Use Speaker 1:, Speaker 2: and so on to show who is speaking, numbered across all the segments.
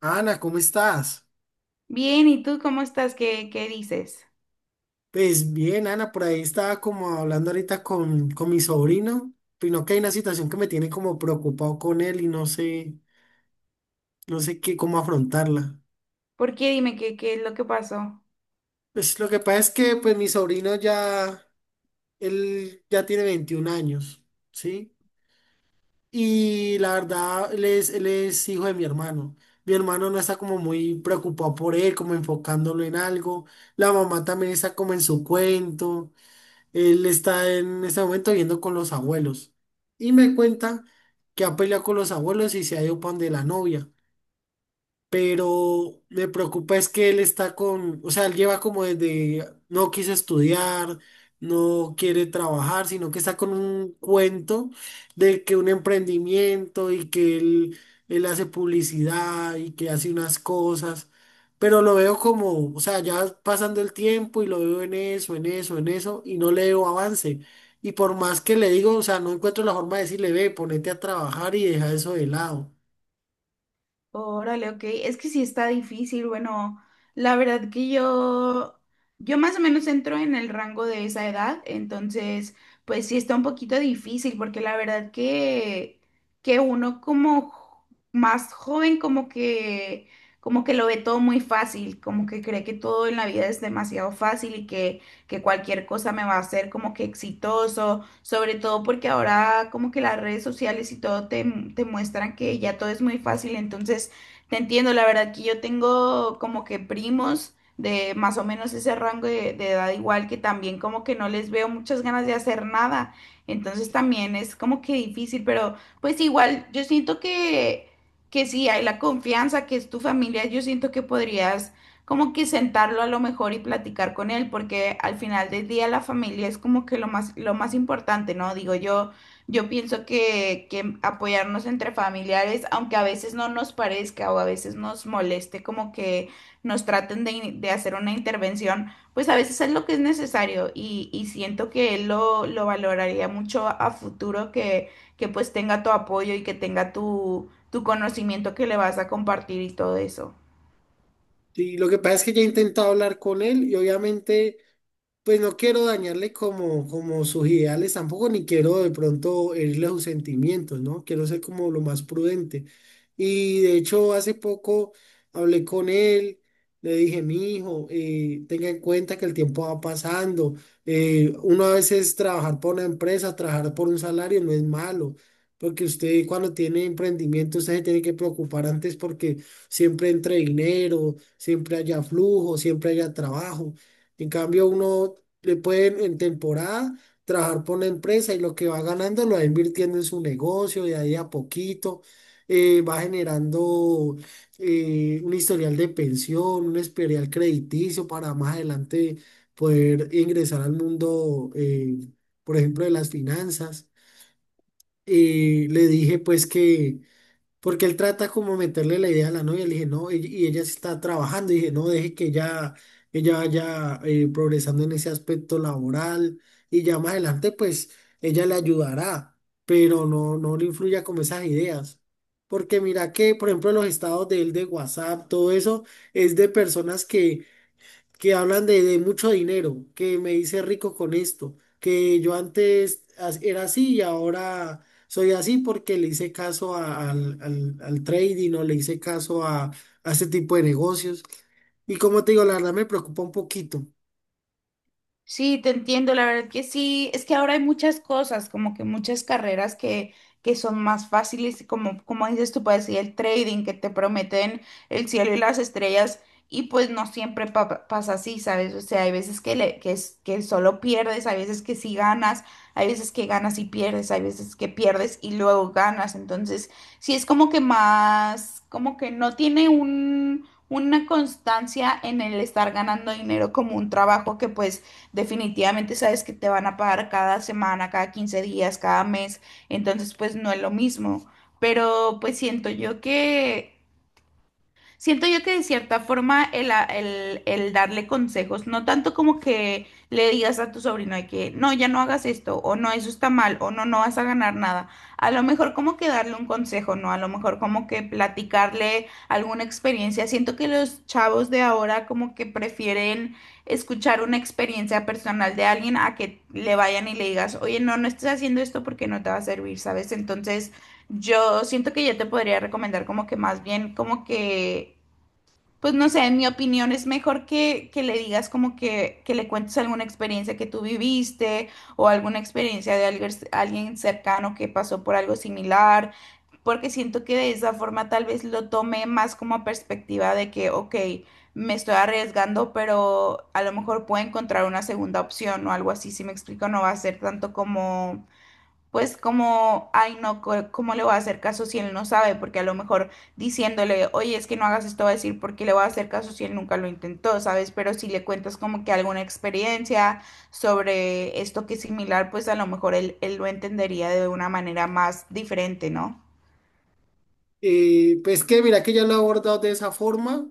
Speaker 1: Ana, ¿cómo estás?
Speaker 2: Bien, ¿y tú cómo estás? ¿Qué dices?
Speaker 1: Pues bien, Ana, por ahí estaba como hablando ahorita con mi sobrino, pero que hay una situación que me tiene como preocupado con él y no sé qué, cómo afrontarla.
Speaker 2: ¿Por qué? Dime qué es lo que pasó.
Speaker 1: Pues lo que pasa es que pues mi sobrino ya, él ya tiene 21 años, ¿sí? Y la verdad, él es hijo de mi hermano. Mi hermano no está como muy preocupado por él, como enfocándolo en algo. La mamá también está como en su cuento. Él está en este momento viviendo con los abuelos y me cuenta que ha peleado con los abuelos y se ha ido para donde la novia, pero me preocupa es que él está con, o sea, él lleva como desde, no quiso estudiar, no quiere trabajar, sino que está con un cuento de que un emprendimiento y que él hace publicidad y que hace unas cosas, pero lo veo como, o sea, ya pasando el tiempo y lo veo en eso, en eso, en eso, y no le veo avance. Y por más que le digo, o sea, no encuentro la forma de decirle, ve, ponete a trabajar y deja eso de lado.
Speaker 2: Órale, ok. Es que sí está difícil. Bueno, la verdad que yo más o menos entro en el rango de esa edad, entonces, pues sí está un poquito difícil, porque la verdad que uno como más joven, como que lo ve todo muy fácil, como que cree que todo en la vida es demasiado fácil y que cualquier cosa me va a hacer como que exitoso, sobre todo porque ahora como que las redes sociales y todo te muestran que ya todo es muy fácil. Entonces te entiendo, la verdad que yo tengo como que primos de más o menos ese rango de edad, igual que también como que no les veo muchas ganas de hacer nada, entonces también es como que difícil, pero pues igual yo siento que sí hay la confianza, que es tu familia, yo siento que podrías como que sentarlo a lo mejor y platicar con él, porque al final del día la familia es como que lo más importante, ¿no? Digo, yo pienso que apoyarnos entre familiares, aunque a veces no nos parezca o a veces nos moleste como que nos traten de, de hacer una intervención, pues a veces es lo que es necesario, y siento que él lo valoraría mucho a futuro, que pues tenga tu apoyo y que tenga tu, tu conocimiento que le vas a compartir y todo eso.
Speaker 1: Y lo que pasa es que ya he intentado hablar con él y obviamente... Pues no quiero dañarle como sus ideales tampoco, ni quiero de pronto herirle sus sentimientos, ¿no? Quiero ser como lo más prudente. Y de hecho, hace poco hablé con él, le dije, mi hijo, tenga en cuenta que el tiempo va pasando. Uno a veces trabajar por una empresa, trabajar por un salario no es malo, porque usted cuando tiene emprendimiento, usted se tiene que preocupar antes porque siempre entre dinero, siempre haya flujo, siempre haya trabajo. En cambio, uno le puede en temporada trabajar por una empresa y lo que va ganando lo va invirtiendo en su negocio de ahí a poquito. Va generando un historial de pensión, un historial crediticio para más adelante poder ingresar al mundo, por ejemplo, de las finanzas. Le dije pues que porque él trata como meterle la idea a la novia, le dije, no, y ella sí está trabajando, y dije, no, deje que ella vaya progresando en ese aspecto laboral, y ya más adelante, pues, ella le ayudará, pero no, no le influya con esas ideas. Porque mira que, por ejemplo, los estados de él de WhatsApp, todo eso, es de personas que hablan de mucho dinero, que me hice rico con esto, que yo antes era así y ahora soy así porque le hice caso al trading o le hice caso a este tipo de negocios. Y como te digo, la verdad me preocupa un poquito.
Speaker 2: Sí, te entiendo, la verdad que sí. Es que ahora hay muchas cosas, como que muchas carreras que son más fáciles, y como, como dices tú, puedes ir el trading, que te prometen el cielo y las estrellas, y pues no siempre pasa así, ¿sabes? O sea, hay veces que, le, que, que solo pierdes, hay veces que sí ganas, hay veces que ganas y pierdes, hay veces que pierdes y luego ganas, entonces sí es como que más, como que no tiene un... una constancia en el estar ganando dinero como un trabajo que pues definitivamente sabes que te van a pagar cada semana, cada 15 días, cada mes, entonces pues no es lo mismo. Pero pues siento yo que siento yo que de cierta forma el, el darle consejos, no tanto como que le digas a tu sobrino de que no, ya no hagas esto, o no, eso está mal, o no, no vas a ganar nada. A lo mejor como que darle un consejo, ¿no? A lo mejor como que platicarle alguna experiencia. Siento que los chavos de ahora como que prefieren escuchar una experiencia personal de alguien a que le vayan y le digas, oye, no, no estés haciendo esto porque no te va a servir, ¿sabes? Entonces yo siento que yo te podría recomendar como que más bien como que pues no sé, en mi opinión es mejor que le digas como que le cuentes alguna experiencia que tú viviste o alguna experiencia de alguien, alguien cercano que pasó por algo similar, porque siento que de esa forma tal vez lo tome más como perspectiva de que, ok, me estoy arriesgando, pero a lo mejor puedo encontrar una segunda opción o algo así, si me explico. No va a ser tanto como pues como, ay no, ¿cómo le voy a hacer caso si él no sabe? Porque a lo mejor diciéndole, oye, es que no hagas esto, va a decir, ¿por qué le voy a hacer caso si él nunca lo intentó, ¿sabes? Pero si le cuentas como que alguna experiencia sobre esto que es similar, pues a lo mejor él, él lo entendería de una manera más diferente, ¿no?
Speaker 1: Pues que mira que ya lo he abordado de esa forma, o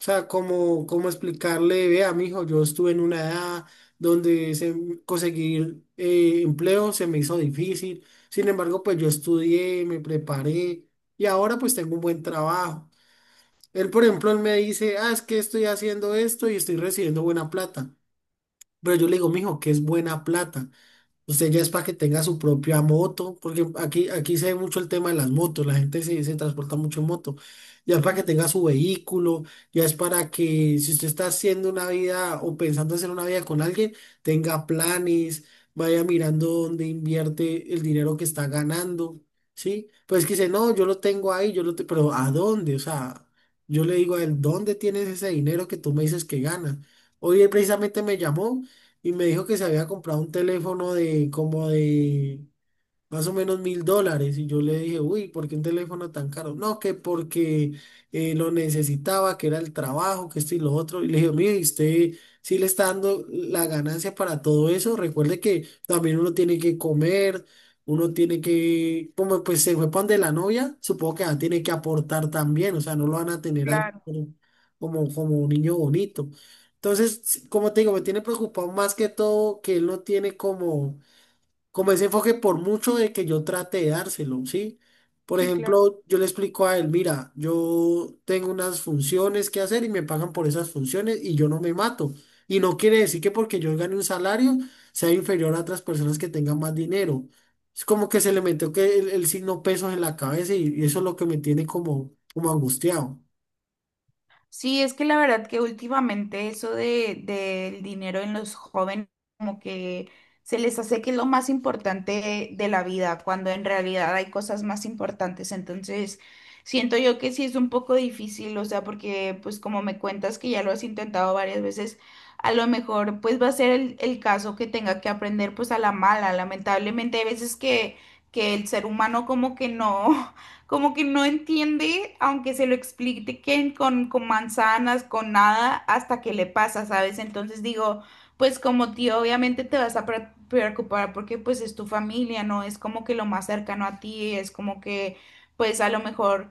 Speaker 1: sea, como explicarle, vea, mijo, yo estuve en una edad donde conseguir empleo se me hizo difícil, sin embargo, pues yo estudié, me preparé y ahora pues tengo un buen trabajo. Él, por ejemplo, él me dice, ah, es que estoy haciendo esto y estoy recibiendo buena plata, pero yo le digo, mijo, ¿qué es buena plata? Usted ya es para que tenga su propia moto, porque aquí, aquí se ve mucho el tema de las motos, la gente se transporta mucho en moto. Ya es
Speaker 2: Ok.
Speaker 1: para que tenga su vehículo, ya es para que si usted está haciendo una vida o pensando hacer una vida con alguien, tenga planes, vaya mirando dónde invierte el dinero que está ganando, ¿sí? Pues que dice, no, yo lo tengo ahí, pero ¿a dónde? O sea, yo le digo a él, ¿dónde tienes ese dinero que tú me dices que ganas? Hoy él precisamente me llamó y me dijo que se había comprado un teléfono de como de, más o menos $1.000. Y yo le dije, uy, ¿por qué un teléfono tan caro? No, que porque lo necesitaba, que era el trabajo, que esto y lo otro. Y le dije, mire, ¿y usted sí le está dando la ganancia para todo eso? Recuerde que también uno tiene que comer, uno tiene que, como pues se fue pan de la novia, supongo que ya tiene que aportar también, o sea, no lo van a tener ahí
Speaker 2: Claro,
Speaker 1: como, como un niño bonito. Entonces, sí, como te digo, me tiene preocupado más que todo que él no tiene como ese enfoque por mucho de que yo trate de dárselo, ¿sí? Por
Speaker 2: sí, claro.
Speaker 1: ejemplo, yo le explico a él, mira, yo tengo unas funciones que hacer y me pagan por esas funciones y yo no me mato. Y no quiere decir que porque yo gane un salario sea inferior a otras personas que tengan más dinero. Es como que se le metió que el signo pesos en la cabeza y eso es lo que me tiene como angustiado.
Speaker 2: Sí, es que la verdad que últimamente eso del dinero en los jóvenes como que se les hace que es lo más importante de la vida, cuando en realidad hay cosas más importantes. Entonces, siento yo que sí es un poco difícil, o sea, porque pues como me cuentas que ya lo has intentado varias veces, a lo mejor pues va a ser el caso que tenga que aprender pues a la mala. Lamentablemente hay veces que el ser humano como que no, como que no entiende, aunque se lo expliquen con manzanas, con nada, hasta que le pasa, ¿sabes? Entonces digo, pues como tío, obviamente te vas a preocupar porque pues es tu familia, ¿no? Es como que lo más cercano a ti, es como que pues a lo mejor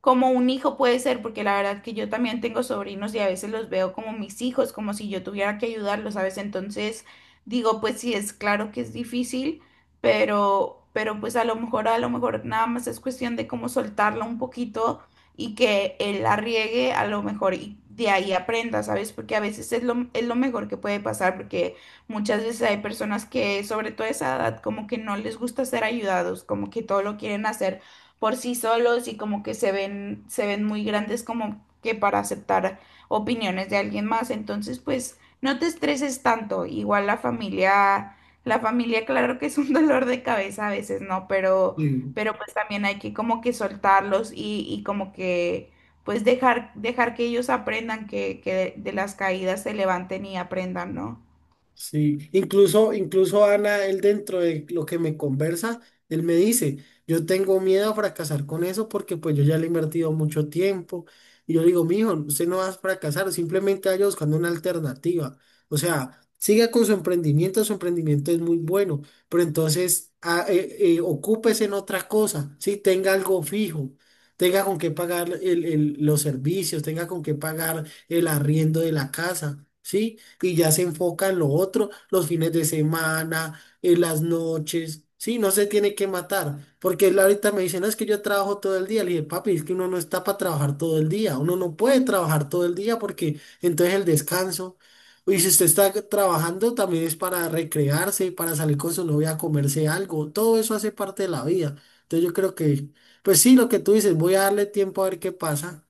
Speaker 2: como un hijo puede ser, porque la verdad que yo también tengo sobrinos y a veces los veo como mis hijos, como si yo tuviera que ayudarlos, ¿sabes? Entonces digo, pues sí, es claro que es difícil, pero pues a lo mejor nada más es cuestión de cómo soltarla un poquito y que él la riegue a lo mejor y de ahí aprenda, ¿sabes? Porque a veces es lo mejor que puede pasar, porque muchas veces hay personas que, sobre todo a esa edad, como que no les gusta ser ayudados, como que todo lo quieren hacer por sí solos y como que se ven muy grandes como que para aceptar opiniones de alguien más. Entonces, pues no te estreses tanto. Igual la familia, claro que es un dolor de cabeza a veces, ¿no?
Speaker 1: Sí.
Speaker 2: Pero pues también hay que como que soltarlos, y como que pues dejar, dejar que ellos aprendan que de las caídas se levanten y aprendan, ¿no?
Speaker 1: Sí, incluso Ana, él dentro de lo que me conversa, él me dice, yo tengo miedo a fracasar con eso porque pues yo ya le he invertido mucho tiempo. Y yo le digo, mijo, usted no va a fracasar, simplemente vaya buscando una alternativa. O sea, siga con su emprendimiento es muy bueno, pero entonces ocúpese en otra cosa, ¿sí? Tenga algo fijo, tenga con qué pagar los servicios, tenga con qué pagar el arriendo de la casa, ¿sí? Y ya se enfoca en lo otro, los fines de semana, en las noches. Sí, no se tiene que matar, porque él ahorita me dice, no, es que yo trabajo todo el día. Le dije, papi, es que uno no está para trabajar todo el día, uno no puede trabajar todo el día porque entonces el descanso, y si usted está trabajando también es para recrearse, para salir con su novia a comerse algo, todo eso hace parte de la vida. Entonces yo creo que, pues sí, lo que tú dices, voy a darle tiempo a ver qué pasa.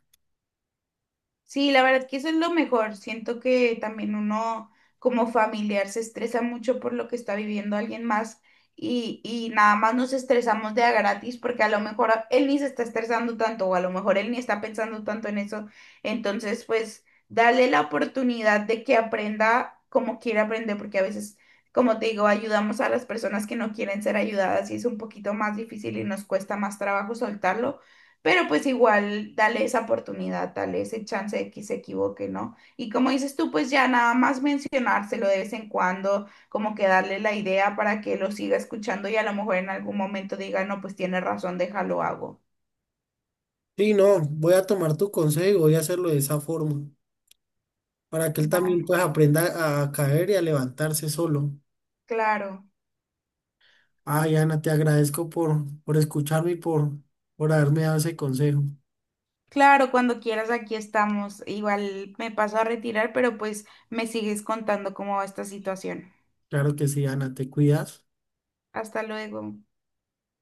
Speaker 2: Sí, la verdad que eso es lo mejor. Siento que también uno como familiar se estresa mucho por lo que está viviendo alguien más, y nada más nos estresamos de a gratis porque a lo mejor él ni se está estresando tanto, o a lo mejor él ni está pensando tanto en eso. Entonces, pues, darle la oportunidad de que aprenda como quiere aprender, porque a veces, como te digo, ayudamos a las personas que no quieren ser ayudadas y es un poquito más difícil y nos cuesta más trabajo soltarlo. Pero pues igual, dale esa oportunidad, dale ese chance de que se equivoque, ¿no? Y como dices tú, pues ya nada más mencionárselo de vez en cuando, como que darle la idea para que lo siga escuchando, y a lo mejor en algún momento diga, no, pues tiene razón, déjalo hago.
Speaker 1: Sí, no, voy a tomar tu consejo y voy a hacerlo de esa forma para que él
Speaker 2: Va,
Speaker 1: también pues aprenda a caer y a levantarse solo.
Speaker 2: claro.
Speaker 1: Ay, Ana, te agradezco por escucharme y por haberme dado ese consejo.
Speaker 2: Claro, cuando quieras aquí estamos. Igual me paso a retirar, pero pues me sigues contando cómo va esta situación.
Speaker 1: Claro que sí, Ana, te cuidas.
Speaker 2: Hasta luego.